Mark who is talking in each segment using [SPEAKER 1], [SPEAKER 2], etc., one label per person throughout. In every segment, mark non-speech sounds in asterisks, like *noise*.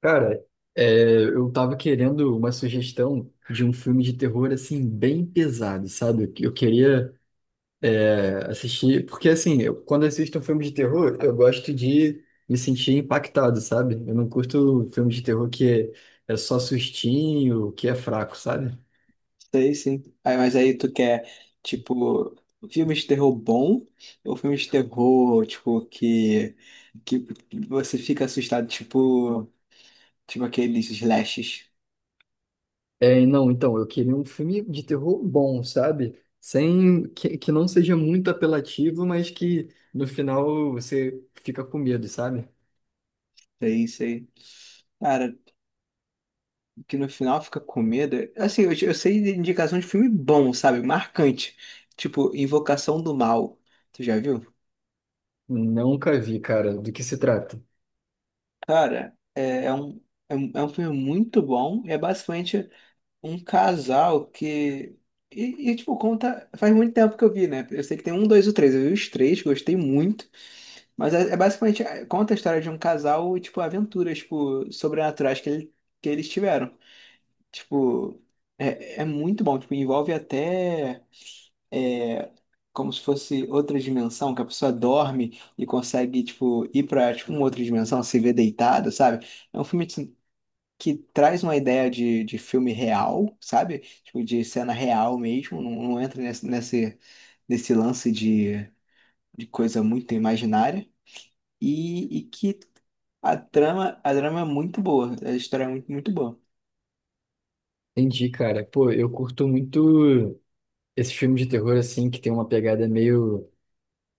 [SPEAKER 1] Cara, eu tava querendo uma sugestão de um filme de terror, assim, bem pesado, sabe? Eu queria, assistir, porque, assim, quando assisto um filme de terror, eu gosto de me sentir impactado, sabe? Eu não curto filme de terror que é só sustinho, que é fraco, sabe?
[SPEAKER 2] Sei, sim. Aí, tu quer, tipo, filme de terror bom ou filme de terror, tipo, que você fica assustado, tipo, tipo aqueles slashes.
[SPEAKER 1] Não, então, eu queria um filme de terror bom, sabe? Sem, que não seja muito apelativo, mas que no final você fica com medo, sabe?
[SPEAKER 2] Sei, sei. Cara, que no final fica com medo. Assim, eu sei de indicação de filme bom, sabe? Marcante. Tipo, Invocação do Mal. Tu já viu?
[SPEAKER 1] Nunca vi, cara. Do que se trata?
[SPEAKER 2] Cara, é um filme muito bom. É basicamente. Um casal que. Tipo, conta. Faz muito tempo que eu vi, né? Eu sei que tem um, dois ou três. Eu vi os três, gostei muito. Mas é, é basicamente. Conta a história de um casal e, tipo, aventuras, tipo, sobrenaturais que, que eles tiveram. Tipo, é, é muito bom. Tipo, envolve até. é, Como se fosse outra dimensão, que a pessoa dorme e consegue, tipo, ir pra, tipo, uma outra dimensão, se ver deitada, sabe? É um filme assim, que traz uma ideia de filme real, sabe? Tipo, de cena real mesmo, não entra nesse lance de coisa muito imaginária, e que a trama é muito boa, a história é muito, muito boa.
[SPEAKER 1] Entendi, cara. Pô, eu curto muito esses filmes de terror, assim, que tem uma pegada meio,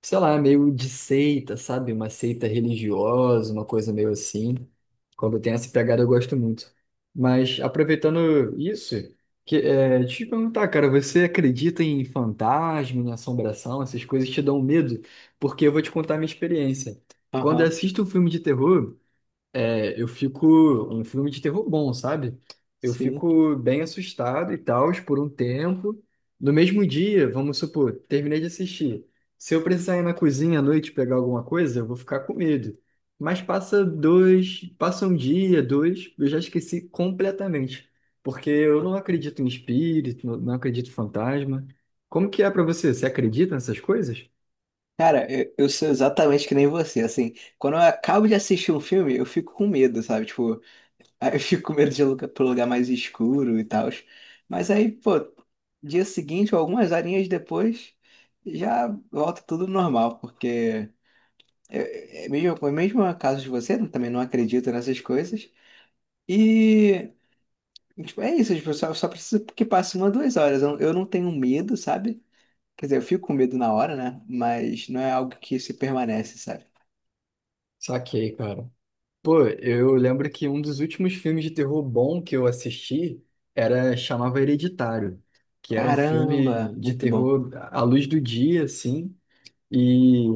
[SPEAKER 1] sei lá, meio de seita, sabe? Uma seita religiosa, uma coisa meio assim. Quando tem essa pegada, eu gosto muito. Mas, aproveitando isso, deixa eu te perguntar, cara, você acredita em fantasma, em assombração, essas coisas te dão medo? Porque eu vou te contar a minha experiência. Quando eu
[SPEAKER 2] Aham,
[SPEAKER 1] assisto um filme de terror, eu fico. Um filme de terror bom, sabe? Eu
[SPEAKER 2] sim.
[SPEAKER 1] fico bem assustado e tal, por um tempo. No mesmo dia, vamos supor, terminei de assistir. Se eu precisar ir na cozinha à noite pegar alguma coisa, eu vou ficar com medo. Mas passa dois, passa um dia, dois, eu já esqueci completamente. Porque eu não acredito em espírito, não acredito em fantasma. Como que é pra você? Você acredita nessas coisas?
[SPEAKER 2] Cara, eu sou exatamente que nem você, assim, quando eu acabo de assistir um filme, eu fico com medo, sabe? Tipo, aí eu fico com medo de ir pro lugar mais escuro e tal. Mas aí, pô, dia seguinte ou algumas horinhas depois, já volta tudo normal, porque é é mesmo caso de você, né? Também não acredito nessas coisas. E, tipo, é isso, tipo, só, só preciso que passe uma, duas horas. Eu não tenho medo, sabe? Quer dizer, eu fico com medo na hora, né? Mas não é algo que se permanece, sabe?
[SPEAKER 1] Saquei, cara. Pô, eu lembro que um dos últimos filmes de terror bom que eu assisti era chamava Hereditário, que era um
[SPEAKER 2] Caramba,
[SPEAKER 1] filme de
[SPEAKER 2] muito bom.
[SPEAKER 1] terror à luz do dia, assim, e,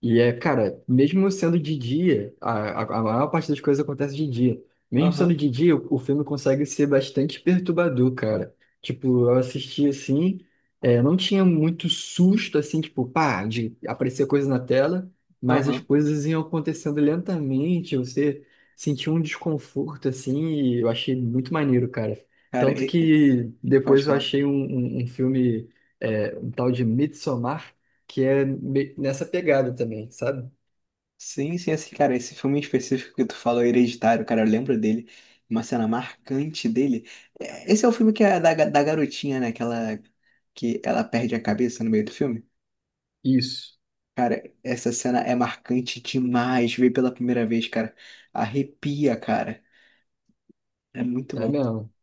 [SPEAKER 1] cara, mesmo sendo de dia, a maior parte das coisas acontece de dia. Mesmo sendo
[SPEAKER 2] Aham,
[SPEAKER 1] de dia, o filme consegue ser bastante perturbador, cara. Tipo, eu assisti assim, não tinha muito susto, assim, tipo, pá, de aparecer coisa na tela, mas as
[SPEAKER 2] aham.
[SPEAKER 1] coisas iam acontecendo lentamente, você sentia um desconforto, assim, e eu achei muito maneiro, cara.
[SPEAKER 2] Cara,
[SPEAKER 1] Tanto
[SPEAKER 2] e-
[SPEAKER 1] que
[SPEAKER 2] pode
[SPEAKER 1] depois eu
[SPEAKER 2] falar.
[SPEAKER 1] achei um filme, um tal de Midsommar, que é nessa pegada também, sabe?
[SPEAKER 2] Sim, sim, esse cara, esse filme em específico que tu falou, Hereditário, cara, eu lembro dele, uma cena marcante dele. É, esse é o filme que é da garotinha, né? Que ela perde a cabeça no meio do filme.
[SPEAKER 1] Isso.
[SPEAKER 2] Cara, essa cena é marcante demais. Ver pela primeira vez, cara, arrepia, cara. É muito
[SPEAKER 1] É
[SPEAKER 2] bom.
[SPEAKER 1] mesmo.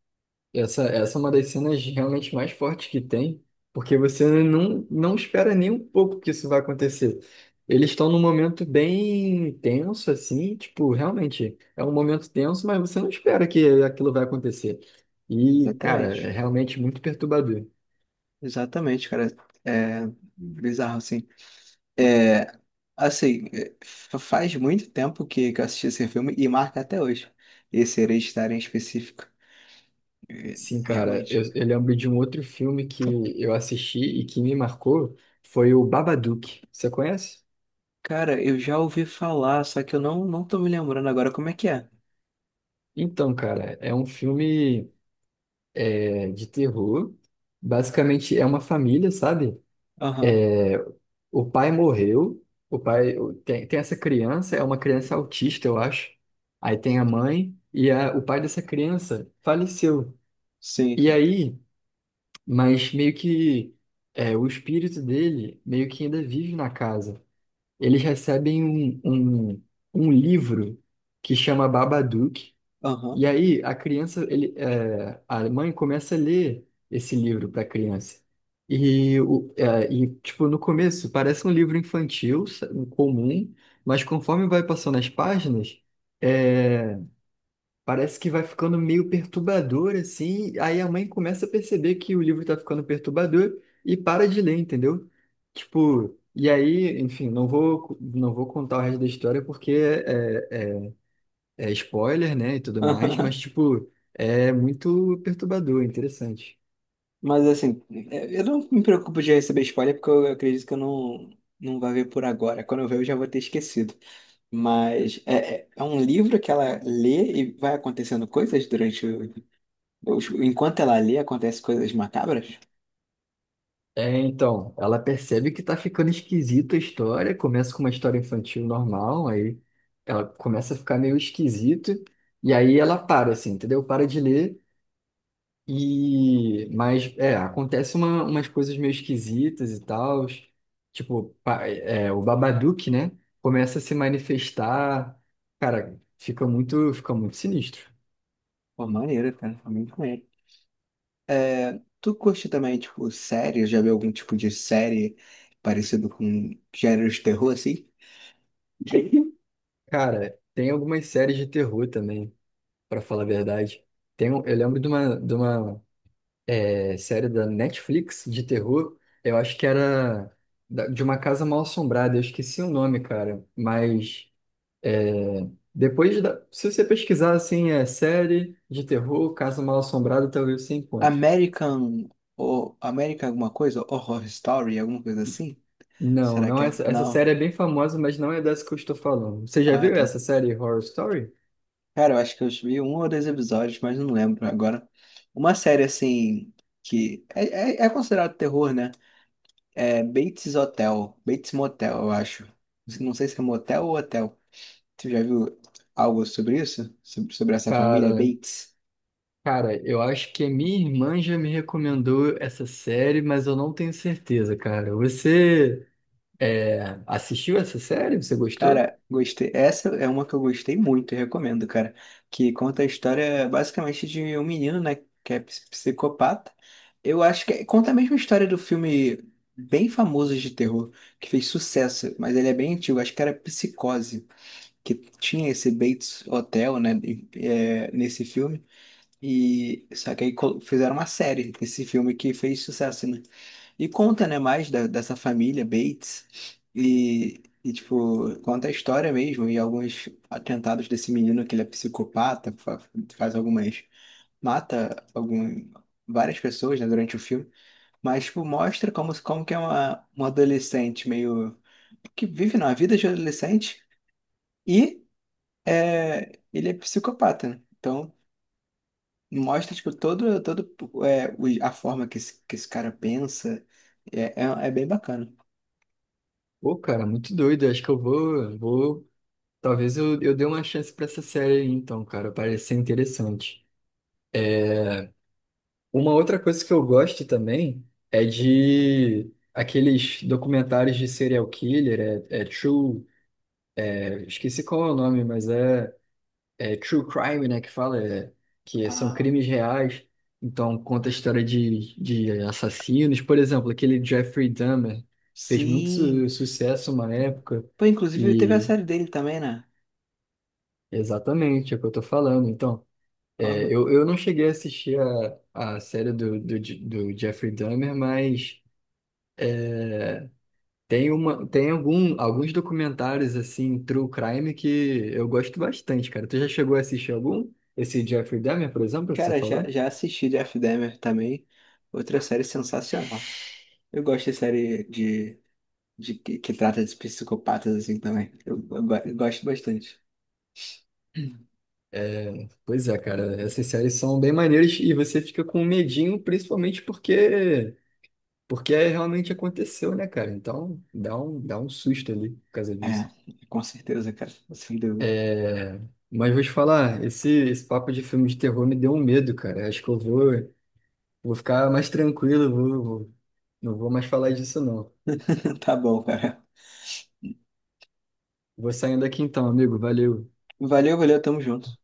[SPEAKER 1] Essa é uma das cenas realmente mais fortes que tem, porque você não espera nem um pouco que isso vai acontecer. Eles estão num momento bem tenso, assim, tipo, realmente é um momento tenso, mas você não espera que aquilo vai acontecer. E, cara, é
[SPEAKER 2] Exatamente.
[SPEAKER 1] realmente muito perturbador.
[SPEAKER 2] Exatamente, cara. É bizarro, assim. É, assim, é, faz muito tempo que eu assisti esse filme e marca até hoje. Esse Hereditário em específico.
[SPEAKER 1] Sim, cara,
[SPEAKER 2] Realmente.
[SPEAKER 1] eu lembro de um outro filme que eu assisti e que me marcou, foi o Babadook. Você conhece?
[SPEAKER 2] Cara, eu já ouvi falar, só que eu não, não tô me lembrando agora como é que é.
[SPEAKER 1] Então, cara, é um filme de terror. Basicamente é uma família, sabe?
[SPEAKER 2] Aham,
[SPEAKER 1] O pai morreu, tem essa criança, é uma criança autista, eu acho. Aí tem a mãe e o pai dessa criança faleceu.
[SPEAKER 2] sim,
[SPEAKER 1] E
[SPEAKER 2] sim.
[SPEAKER 1] aí, mas meio que o espírito dele meio que ainda vive na casa. Eles recebem um, um livro que chama Babadook.
[SPEAKER 2] Aham,
[SPEAKER 1] E aí a criança, a mãe começa a ler esse livro para a criança. E, tipo, no começo parece um livro infantil, comum, mas conforme vai passando as páginas, é, parece que vai ficando meio perturbador, assim. Aí a mãe começa a perceber que o livro está ficando perturbador e para de ler, entendeu? Tipo, e aí, enfim, não vou contar o resto da história porque é spoiler, né, e tudo
[SPEAKER 2] *laughs*
[SPEAKER 1] mais,
[SPEAKER 2] aham.
[SPEAKER 1] mas, tipo, é muito perturbador, interessante.
[SPEAKER 2] Mas assim, é, eu não me preocupo de receber spoiler, porque eu acredito que eu não, não vai ver por agora. Quando eu ver, eu já vou ter esquecido. Mas é, é um livro que ela lê e vai acontecendo coisas durante enquanto ela lê, acontecem coisas macabras?
[SPEAKER 1] É, então, ela percebe que tá ficando esquisita a história, começa com uma história infantil normal, aí ela começa a ficar meio esquisito, e aí ela para, assim, entendeu? Para de ler, e... Mas, é, acontece umas coisas meio esquisitas e tal, tipo, o Babadook, né, começa a se manifestar, cara, fica muito sinistro.
[SPEAKER 2] Pô, maneiro, cara. Foi muito. É, tu curte também, tipo, série? Já viu algum tipo de série parecido com gênero de terror, assim? *laughs*
[SPEAKER 1] Cara, tem algumas séries de terror também, pra falar a verdade. Eu lembro de uma série da Netflix de terror, eu acho que era de uma casa mal-assombrada, eu esqueci o nome, cara. Mas é, depois, se você pesquisar assim, é série de terror, casa mal-assombrada, talvez você encontre.
[SPEAKER 2] American, ou American alguma coisa? Horror Story, alguma coisa assim?
[SPEAKER 1] Não,
[SPEAKER 2] Será
[SPEAKER 1] não,
[SPEAKER 2] que é?
[SPEAKER 1] essa
[SPEAKER 2] Não.
[SPEAKER 1] série é bem famosa, mas não é dessa que eu estou falando. Você já
[SPEAKER 2] Ah,
[SPEAKER 1] viu
[SPEAKER 2] tá.
[SPEAKER 1] essa série Horror Story?
[SPEAKER 2] Cara, eu acho que eu vi um ou dois episódios, mas não lembro agora. Uma série, assim, que é, é, é considerado terror, né? É Bates Hotel, Bates Motel, eu acho. Não sei se é motel ou hotel. Tu já viu algo sobre isso? Sobre essa família
[SPEAKER 1] Cara,
[SPEAKER 2] Bates?
[SPEAKER 1] Cara, eu acho que a minha irmã já me recomendou essa série, mas eu não tenho certeza, cara. Você assistiu essa série? Você gostou?
[SPEAKER 2] Cara, gostei. Essa é uma que eu gostei muito, eu recomendo, cara. Que conta a história basicamente de um menino, né, que é psicopata. Eu acho que é, conta a mesma história do filme bem famoso de terror, que fez sucesso, mas ele é bem antigo, acho que era Psicose, que tinha esse Bates Hotel, né, é, nesse filme. E só que aí fizeram uma série, esse filme que fez sucesso, né? E conta, né, mais dessa família Bates e, tipo, conta a história mesmo e alguns atentados desse menino que ele é psicopata, faz algumas, mata algum, várias pessoas, né, durante o filme, mas, tipo, mostra como, como que é uma adolescente meio, que vive na vida de adolescente e é, ele é psicopata, né? Então, mostra, tipo, todo, todo é, a forma que que esse cara pensa, é, é, é bem bacana.
[SPEAKER 1] Pô, cara, muito doido. Eu acho que eu vou. Talvez eu dê uma chance pra essa série aí, então, cara. Parece ser interessante. Uma outra coisa que eu gosto também é de aqueles documentários de serial killer, esqueci qual é o nome, mas é true crime, né, que fala, que são
[SPEAKER 2] Ah,
[SPEAKER 1] crimes reais, então conta a história de assassinos, por exemplo, aquele Jeffrey Dahmer fez muito
[SPEAKER 2] sim.
[SPEAKER 1] sucesso uma época
[SPEAKER 2] Pô, inclusive teve a
[SPEAKER 1] e
[SPEAKER 2] série dele também, né?
[SPEAKER 1] exatamente é o que eu tô falando, então,
[SPEAKER 2] Aham.
[SPEAKER 1] eu não cheguei a assistir a série do Jeffrey Dahmer, mas é, tem uma, tem algum, alguns documentários, assim, true crime que eu gosto bastante, cara, tu já chegou a assistir algum? Esse Jeffrey Dahmer, por exemplo, que você
[SPEAKER 2] Cara,
[SPEAKER 1] falou?
[SPEAKER 2] já assisti Jeff Dahmer também. Outra série sensacional. Eu gosto de série de, que trata de psicopatas assim também. Eu eu gosto bastante.
[SPEAKER 1] É, pois é, cara, essas séries são bem maneiras e você fica com medinho, principalmente porque é realmente aconteceu, né, cara? Então dá um susto ali por causa
[SPEAKER 2] É,
[SPEAKER 1] disso.
[SPEAKER 2] com certeza, cara. Sem dúvida.
[SPEAKER 1] É, Mas vou te falar, esse papo de filme de terror me deu um medo, cara. Acho que eu vou ficar mais tranquilo, não vou mais falar disso, não.
[SPEAKER 2] *laughs* Tá bom, cara.
[SPEAKER 1] Vou saindo aqui então, amigo. Valeu.
[SPEAKER 2] Valeu, valeu, tamo junto.